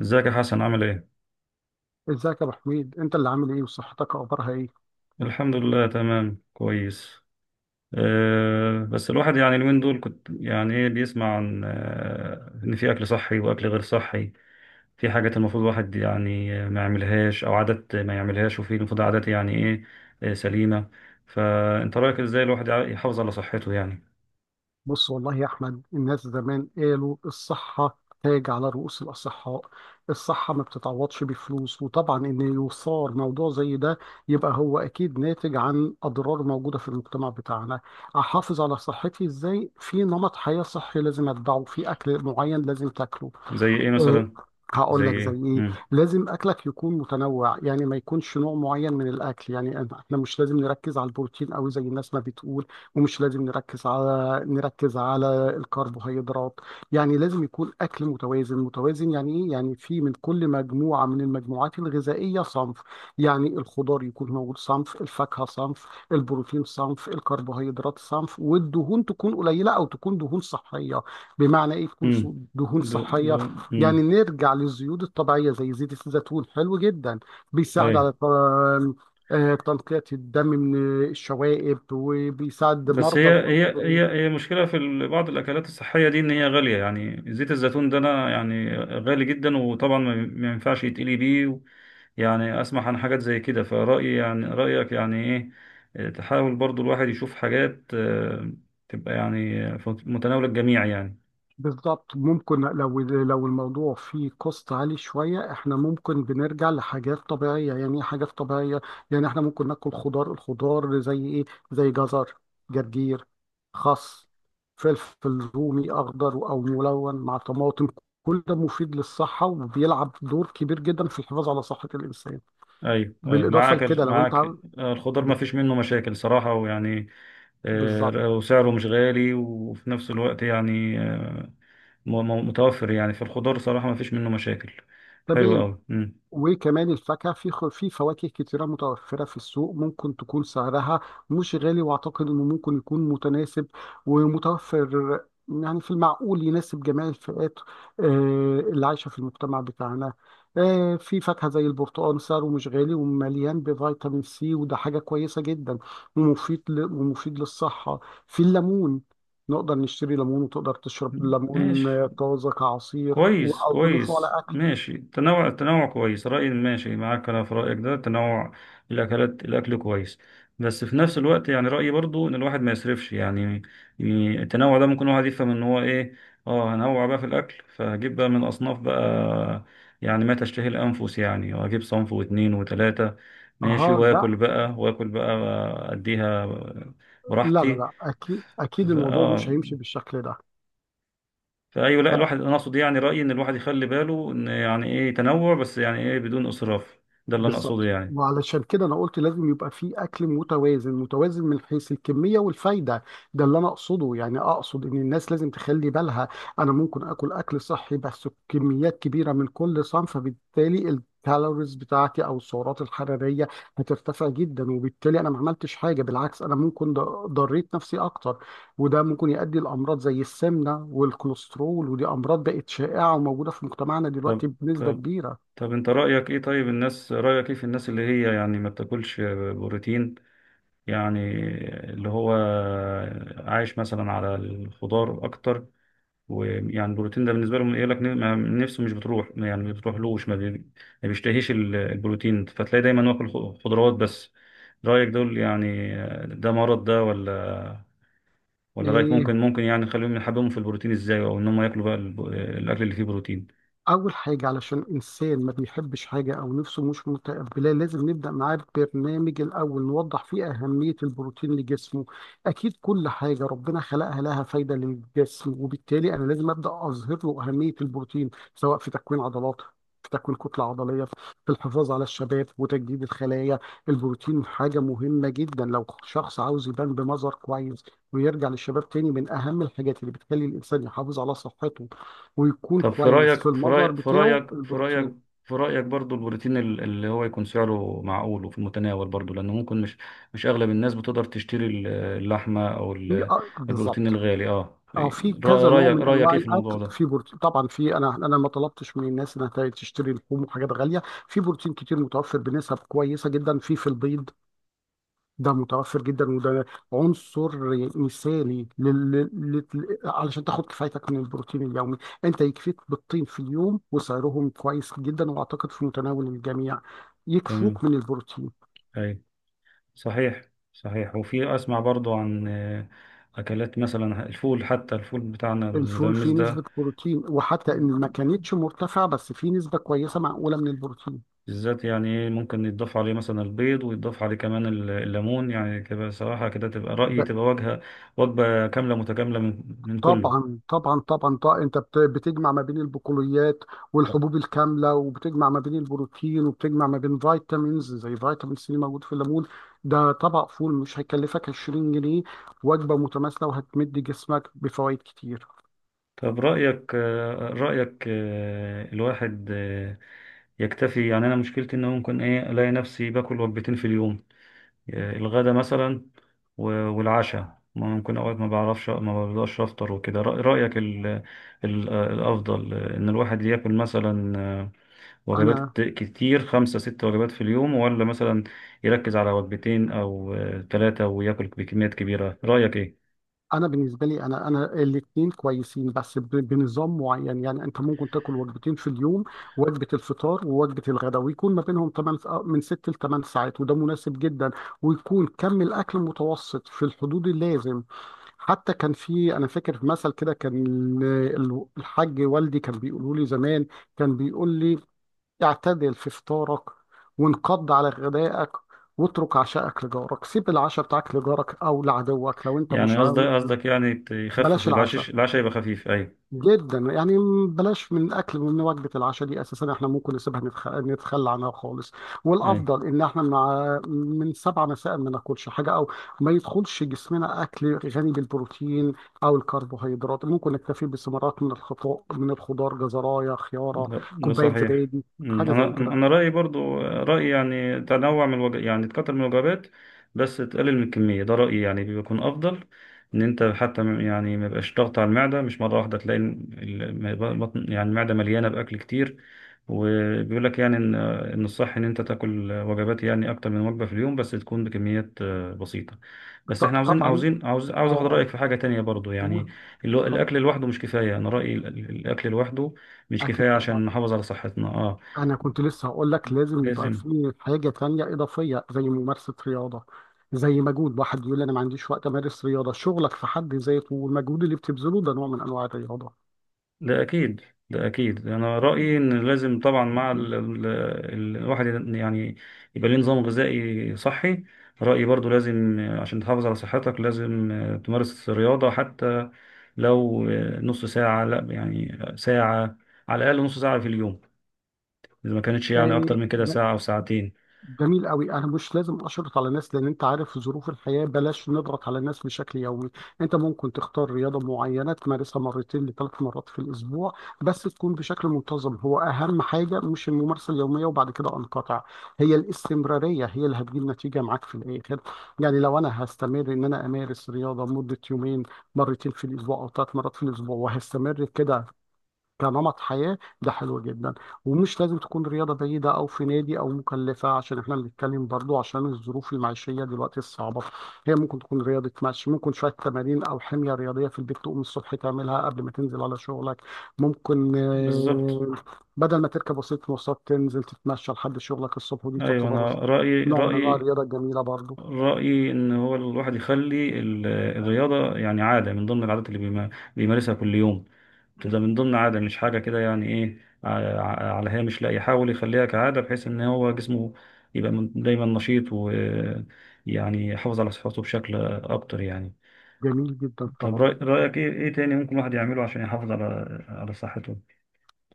ازيك يا حسن، عامل ايه؟ ازيك يا ابو حميد؟ انت اللي عامل ايه وصحتك اخبارها ايه؟ الحمد لله، تمام، كويس. بس الواحد يعني اليومين دول كنت يعني ايه بيسمع عن ان في اكل صحي واكل غير صحي. في حاجات المفروض الواحد يعني ما يعملهاش او عادات ما يعملهاش، وفي المفروض عادات يعني ايه سليمة. فانت رأيك ازاي الواحد يحافظ على صحته يعني؟ بص والله يا احمد، الناس زمان قالوا: الصحه تاج على رؤوس الاصحاء. الصحه ما بتتعوضش بفلوس. وطبعا ان يثار موضوع زي ده يبقى هو اكيد ناتج عن اضرار موجوده في المجتمع بتاعنا. احافظ على صحتي ازاي؟ في نمط حياه صحي لازم اتبعه، في اكل معين لازم تاكله. زي ايه آه، مثلا؟ زي هقول لك زي ايه؟ ايه. امم. لازم اكلك يكون متنوع، يعني ما يكونش نوع معين من الاكل. يعني احنا مش لازم نركز على البروتين قوي زي الناس ما بتقول، ومش لازم نركز على الكربوهيدرات. يعني لازم يكون اكل متوازن متوازن، يعني ايه؟ يعني في من كل مجموعة من المجموعات الغذائية صنف. يعني الخضار يكون موجود، صنف الفاكهة، صنف البروتين، صنف الكربوهيدرات صنف، والدهون تكون قليلة او تكون دهون صحية. بمعنى ايه تكون امم. دهون دو دو. صحية؟ امم. يعني نرجع للزيوت الطبيعية زي زيت الزيتون، حلو جدا. بيساعد على تنقية الدم من الشوائب، وبيساعد بس مرضى هي هي الكوليسترول. هي هي مشكلة في بعض الأكلات الصحية دي، إن هي غالية، يعني زيت الزيتون ده أنا يعني غالي جدا، وطبعا ما ينفعش يتقلي بيه يعني أسمع عن حاجات زي كده، فرأيي يعني رأيك يعني إيه؟ تحاول برضو الواحد يشوف حاجات تبقى يعني في متناول الجميع يعني. بالظبط، ممكن لو الموضوع فيه كوست عالي شوية احنا ممكن بنرجع لحاجات طبيعية. يعني ايه حاجات طبيعية؟ يعني احنا ممكن ناكل خضار. الخضار زي ايه؟ زي جزر، جرجير، خس، فلفل رومي اخضر او ملون مع طماطم. كل ده مفيد للصحة وبيلعب دور كبير جدا في الحفاظ على صحة الإنسان. أيوه، أيوه، بالإضافة لكده معاك الخضار ما فيش منه مشاكل صراحة، ويعني بالظبط. وسعره مش غالي، وفي نفس الوقت يعني متوفر. يعني في الخضار صراحة ما فيش منه مشاكل، حلو تمام. قوي. مم. وكمان الفاكهة، في في فواكه كتيرة متوفرة في السوق، ممكن تكون سعرها مش غالي، وأعتقد إنه ممكن يكون متناسب ومتوفر، يعني في المعقول يناسب جميع الفئات اللي عايشة في المجتمع بتاعنا. في فاكهة زي البرتقال، سعره مش غالي ومليان بفيتامين سي، وده حاجة كويسة جدا ومفيد للصحة. في الليمون، نقدر نشتري ليمون، وتقدر تشرب ليمون ماشي، طازة كعصير كويس أو تضيفه على كويس، أكل. ماشي. تنوع، التنوع كويس، رأيي ماشي معاك، أنا في رأيك ده تنوع الأكلات، الأكل كويس. بس في نفس الوقت يعني رأيي برضو إن الواحد ما يسرفش يعني. يعني التنوع ده ممكن الواحد يفهم إن هو إيه، أه هنوع بقى في الأكل، فهجيب بقى من أصناف بقى، يعني ما تشتهي الأنفس يعني، وأجيب صنف واتنين وتلاتة، ماشي، أها، وآكل بقى وآكل بقى أديها لا لا براحتي. لا، اكيد ف- اكيد الموضوع مش اه هيمشي بالشكل ده. فايوه، لا، ف- الواحد انا اقصد يعني رايي ان الواحد يخلي باله ان يعني ايه تنوع، بس يعني ايه بدون اسراف. ده اللي انا اقصده بالظبط، يعني. وعلشان كده انا قلت لازم يبقى في اكل متوازن متوازن من حيث الكميه والفايده. ده اللي انا اقصده، يعني اقصد ان الناس لازم تخلي بالها. انا ممكن اكل اكل صحي بس كميات كبيره من كل صنف، فبالتالي الكالوريز بتاعتي او السعرات الحراريه هترتفع جدا، وبالتالي انا ما عملتش حاجه، بالعكس انا ممكن ضريت نفسي اكتر. وده ممكن يؤدي لامراض زي السمنه والكوليسترول، ودي امراض بقت شائعه وموجوده في مجتمعنا دلوقتي طب بنسبه طب كبيره. طب انت رايك ايه؟ طيب الناس، رايك ايه في الناس اللي هي يعني ما بتاكلش بروتين؟ يعني اللي هو عايش مثلا على الخضار اكتر، ويعني البروتين ده بالنسبه لهم يقول لك نفسه مش بتروح، يعني ما بتروحلوش، ما بيشتهيش البروتين، فتلاقي دايما واكل خضروات بس. رايك دول يعني، ده مرض ده ولا؟ ولا رايك إيه، ممكن، يعني نخليهم يحببهم في البروتين ازاي، او ان هم ياكلوا بقى الاكل اللي فيه بروتين؟ أول حاجة علشان إنسان ما بيحبش حاجة أو نفسه مش متقبلاه لازم نبدأ معاه ببرنامج، الأول نوضح فيه أهمية البروتين لجسمه. أكيد كل حاجة ربنا خلقها لها فايدة للجسم، وبالتالي أنا لازم أبدأ أظهر له أهمية البروتين، سواء في تكوين عضلات، في تكوين كتلة عضلية، في الحفاظ على الشباب وتجديد الخلايا. البروتين حاجة مهمة جدا لو شخص عاوز يبان بمظهر كويس ويرجع للشباب تاني. من أهم الحاجات اللي بتخلي الإنسان يحافظ على صحته ويكون طب كويس في المظهر بتاعه: البروتين. في رايك برضو البروتين اللي هو يكون سعره معقول وفي المتناول برضو، لانه ممكن مش اغلب الناس بتقدر تشتري اللحمه او في البروتين بالظبط. الغالي. اه، اه، في كذا نوع رايك، من رايك انواع ايه في الموضوع الاكل ده؟ في بروتين طبعا. في، انا ما طلبتش من الناس انها تشتري لحوم وحاجات غاليه. في بروتين كتير متوفر بنسب كويسه جدا، في البيض. ده متوفر جدا، وده عنصر مثالي علشان تاخد كفايتك من البروتين اليومي. انت يكفيك بالطين في اليوم، وسعرهم كويس جدا واعتقد في متناول الجميع، تمام، يكفوك من البروتين. اي، صحيح، صحيح. وفي اسمع برضو عن اكلات مثلا الفول، حتى الفول بتاعنا الفول المدمس فيه نسبة بروتين، وحتى إن ما ده كانتش مرتفعة بس فيه نسبة كويسة معقولة من البروتين. بالذات يعني إيه، ممكن يتضاف عليه مثلا البيض، ويتضاف عليه كمان الليمون، يعني كده صراحة كده تبقى رأيي ب- تبقى وجهة وجبة كاملة متكاملة من كله. طبعا طبعا طبعا طبعا، انت بتجمع ما بين البقوليات والحبوب الكاملة، وبتجمع ما بين البروتين، وبتجمع ما بين فيتامينز زي فيتامين سي موجود في الليمون. ده طبق فول مش هيكلفك 20 جنيه، وجبة متماثلة وهتمد جسمك بفوائد كتير. طب رأيك رأيك الواحد يكتفي. يعني أنا مشكلتي إن ممكن إيه، ألاقي نفسي باكل وجبتين في اليوم، الغدا مثلا والعشاء، ممكن أوقات ما بعرفش ما بقدرش أفطر وكده. رأيك الأفضل إن الواحد ياكل مثلا وجبات انا كتير، خمسة ست وجبات في اليوم، ولا مثلا يركز على وجبتين أو ثلاثة وياكل بكميات كبيرة؟ رأيك إيه؟ انا بالنسبه لي، انا الاثنين كويسين، بس بنظام معين. يعني انت ممكن تاكل وجبتين في اليوم، وجبه الفطار ووجبه الغداء، ويكون ما بينهم 8، من 6 ل 8 ساعات، وده مناسب جدا. ويكون كم الاكل متوسط في الحدود اللازم. حتى كان في، انا فاكر مثل كده، كان الحاج والدي كان بيقولوا لي زمان، كان بيقول لي: اعتدل في فطارك، وانقض على غدائك، واترك عشاءك لجارك. سيب العشاء بتاعك لجارك او لعدوك لو انت يعني مش، قصدك يعني يخفف بلاش العشاء، العشاء العشاء يبقى خفيف، أيوة. جدا يعني. بلاش من اكل من وجبه العشاء دي اساسا، احنا ممكن نسيبها، نتخلى عنها خالص. أيوة، والافضل ان احنا مع من 7 مساء ما ناكلش حاجه، او ما يدخلش جسمنا اكل غني بالبروتين او الكربوهيدرات. ممكن نكتفي بثمرات من الخضار، من الخضار جزرايه، خياره، لا، ده كوبايه صحيح. زبادي، مم. حاجه انا زي كده. انا رايي برضو رايي يعني تنوع من يعني تكتر من الوجبات بس تقلل من الكميه، ده رايي يعني بيكون افضل. ان انت حتى يعني ما يبقاش ضغط على المعده، مش مره واحده تلاقي البطن يعني المعده مليانه باكل كتير. وبيقول لك يعني ان الصح ان انت تاكل وجبات، يعني اكتر من وجبه في اليوم بس تكون بكميات بسيطه. بس احنا طبعا. اه عاوز اخد اه، رايك في حاجه تانية برضو، يعني قول. اللي هو اتفضل. الاكل لوحده مش كفايه. انا رايي الاكل لوحده مش اكيد كفاية طبعا. عشان نحافظ على صحتنا، اه أنا كنت لسه هقول لك لازم يبقى لازم. في حاجة تانية إضافية زي ممارسة رياضة. زي مجهود، واحد يقول أنا ما عنديش وقت أمارس رياضة، شغلك في حد ذاته والمجهود اللي بتبذله ده نوع من أنواع الرياضة. ده أكيد، ده أكيد، أنا رأيي إن لازم طبعا مع الواحد يعني يبقى ليه نظام غذائي صحي. رأيي برضو لازم عشان تحافظ على صحتك لازم تمارس رياضة، حتى لو نص ساعة، لا يعني ساعة، على الأقل نص ساعة في اليوم، إذا ما كانتش يعني إيه، أكتر من كده ساعة أو ساعتين. جميل قوي. انا مش لازم اشرط على ناس، لان انت عارف ظروف الحياه، بلاش نضغط على الناس بشكل يومي. انت ممكن تختار رياضه معينه تمارسها مرتين لثلاث مرات في الاسبوع، بس تكون بشكل منتظم. هو اهم حاجه مش الممارسه اليوميه وبعد كده انقطع، هي الاستمراريه هي اللي هتجيب نتيجه معاك في الاخر. يعني لو انا هستمر ان انا امارس رياضه مده يومين، مرتين في الاسبوع او ثلاث مرات في الاسبوع وهستمر كده كنمط حياة، ده حلو جدا. ومش لازم تكون رياضة بعيدة أو في نادي أو مكلفة، عشان إحنا بنتكلم برضو عشان الظروف المعيشية دلوقتي الصعبة. هي ممكن تكون رياضة مشي، ممكن شوية تمارين أو حمية رياضية في البيت تقوم الصبح تعملها قبل ما تنزل على شغلك. ممكن بالظبط. بدل ما تركب وسيلة مواصلات تنزل تتمشى لحد شغلك الصبح، ودي أيوة، تعتبر أنا نوع من أنواع الرياضة الجميلة برضو. رأيي إن هو الواحد يخلي الرياضة يعني عادة، من ضمن العادات اللي بيمارسها كل يوم. تبقى من ضمن عادة، مش حاجة كده يعني إيه على هامش، لا يحاول يخليها كعادة بحيث إن هو جسمه يبقى دايما نشيط، ويعني يحافظ على صحته بشكل أكتر يعني. جميل جدا طب طبعا. رأيك إيه إيه تاني ممكن الواحد يعمله عشان يحافظ على على صحته؟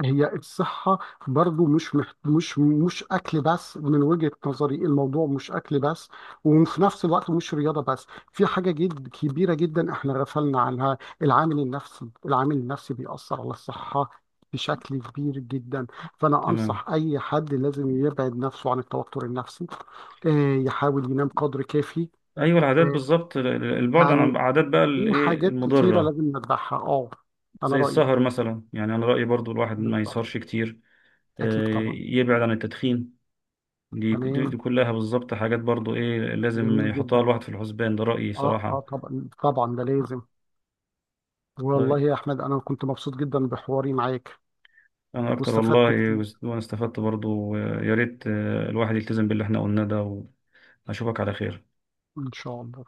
هي الصحة برضو مش محت... مش مش أكل بس. من وجهة نظري الموضوع مش أكل بس، وفي نفس الوقت مش رياضة بس. في حاجة جد كبيرة جدا احنا غفلنا عنها: العامل النفسي. العامل النفسي بيأثر على الصحة بشكل كبير جدا. فأنا تمام. أنصح أي حد لازم يبعد نفسه عن التوتر النفسي، يحاول ينام قدر كافي. أيوة العادات آه، بالظبط، البعد عن يعني العادات بقى في الإيه حاجات كتيرة المضرة، لازم نتبعها. اه، أنا زي رأيي السهر مثلا، يعني أنا رأيي برضو الواحد ما بالظبط. يسهرش كتير، أكيد طبعا. يبعد عن التدخين. تمام. دي كلها بالظبط حاجات برضو ايه لازم جميل يحطها جدا. الواحد في الحسبان، ده رأيي اه اه، صراحة. طبعا طبعا ده لازم. والله طيب، يا احمد انا كنت مبسوط جدا بحواري معاك، انا اكتر والله. واستفدت كتير. وانا استفدت برضو، يا ريت الواحد يلتزم باللي احنا قلناه ده، واشوفك على خير. ان شاء الله.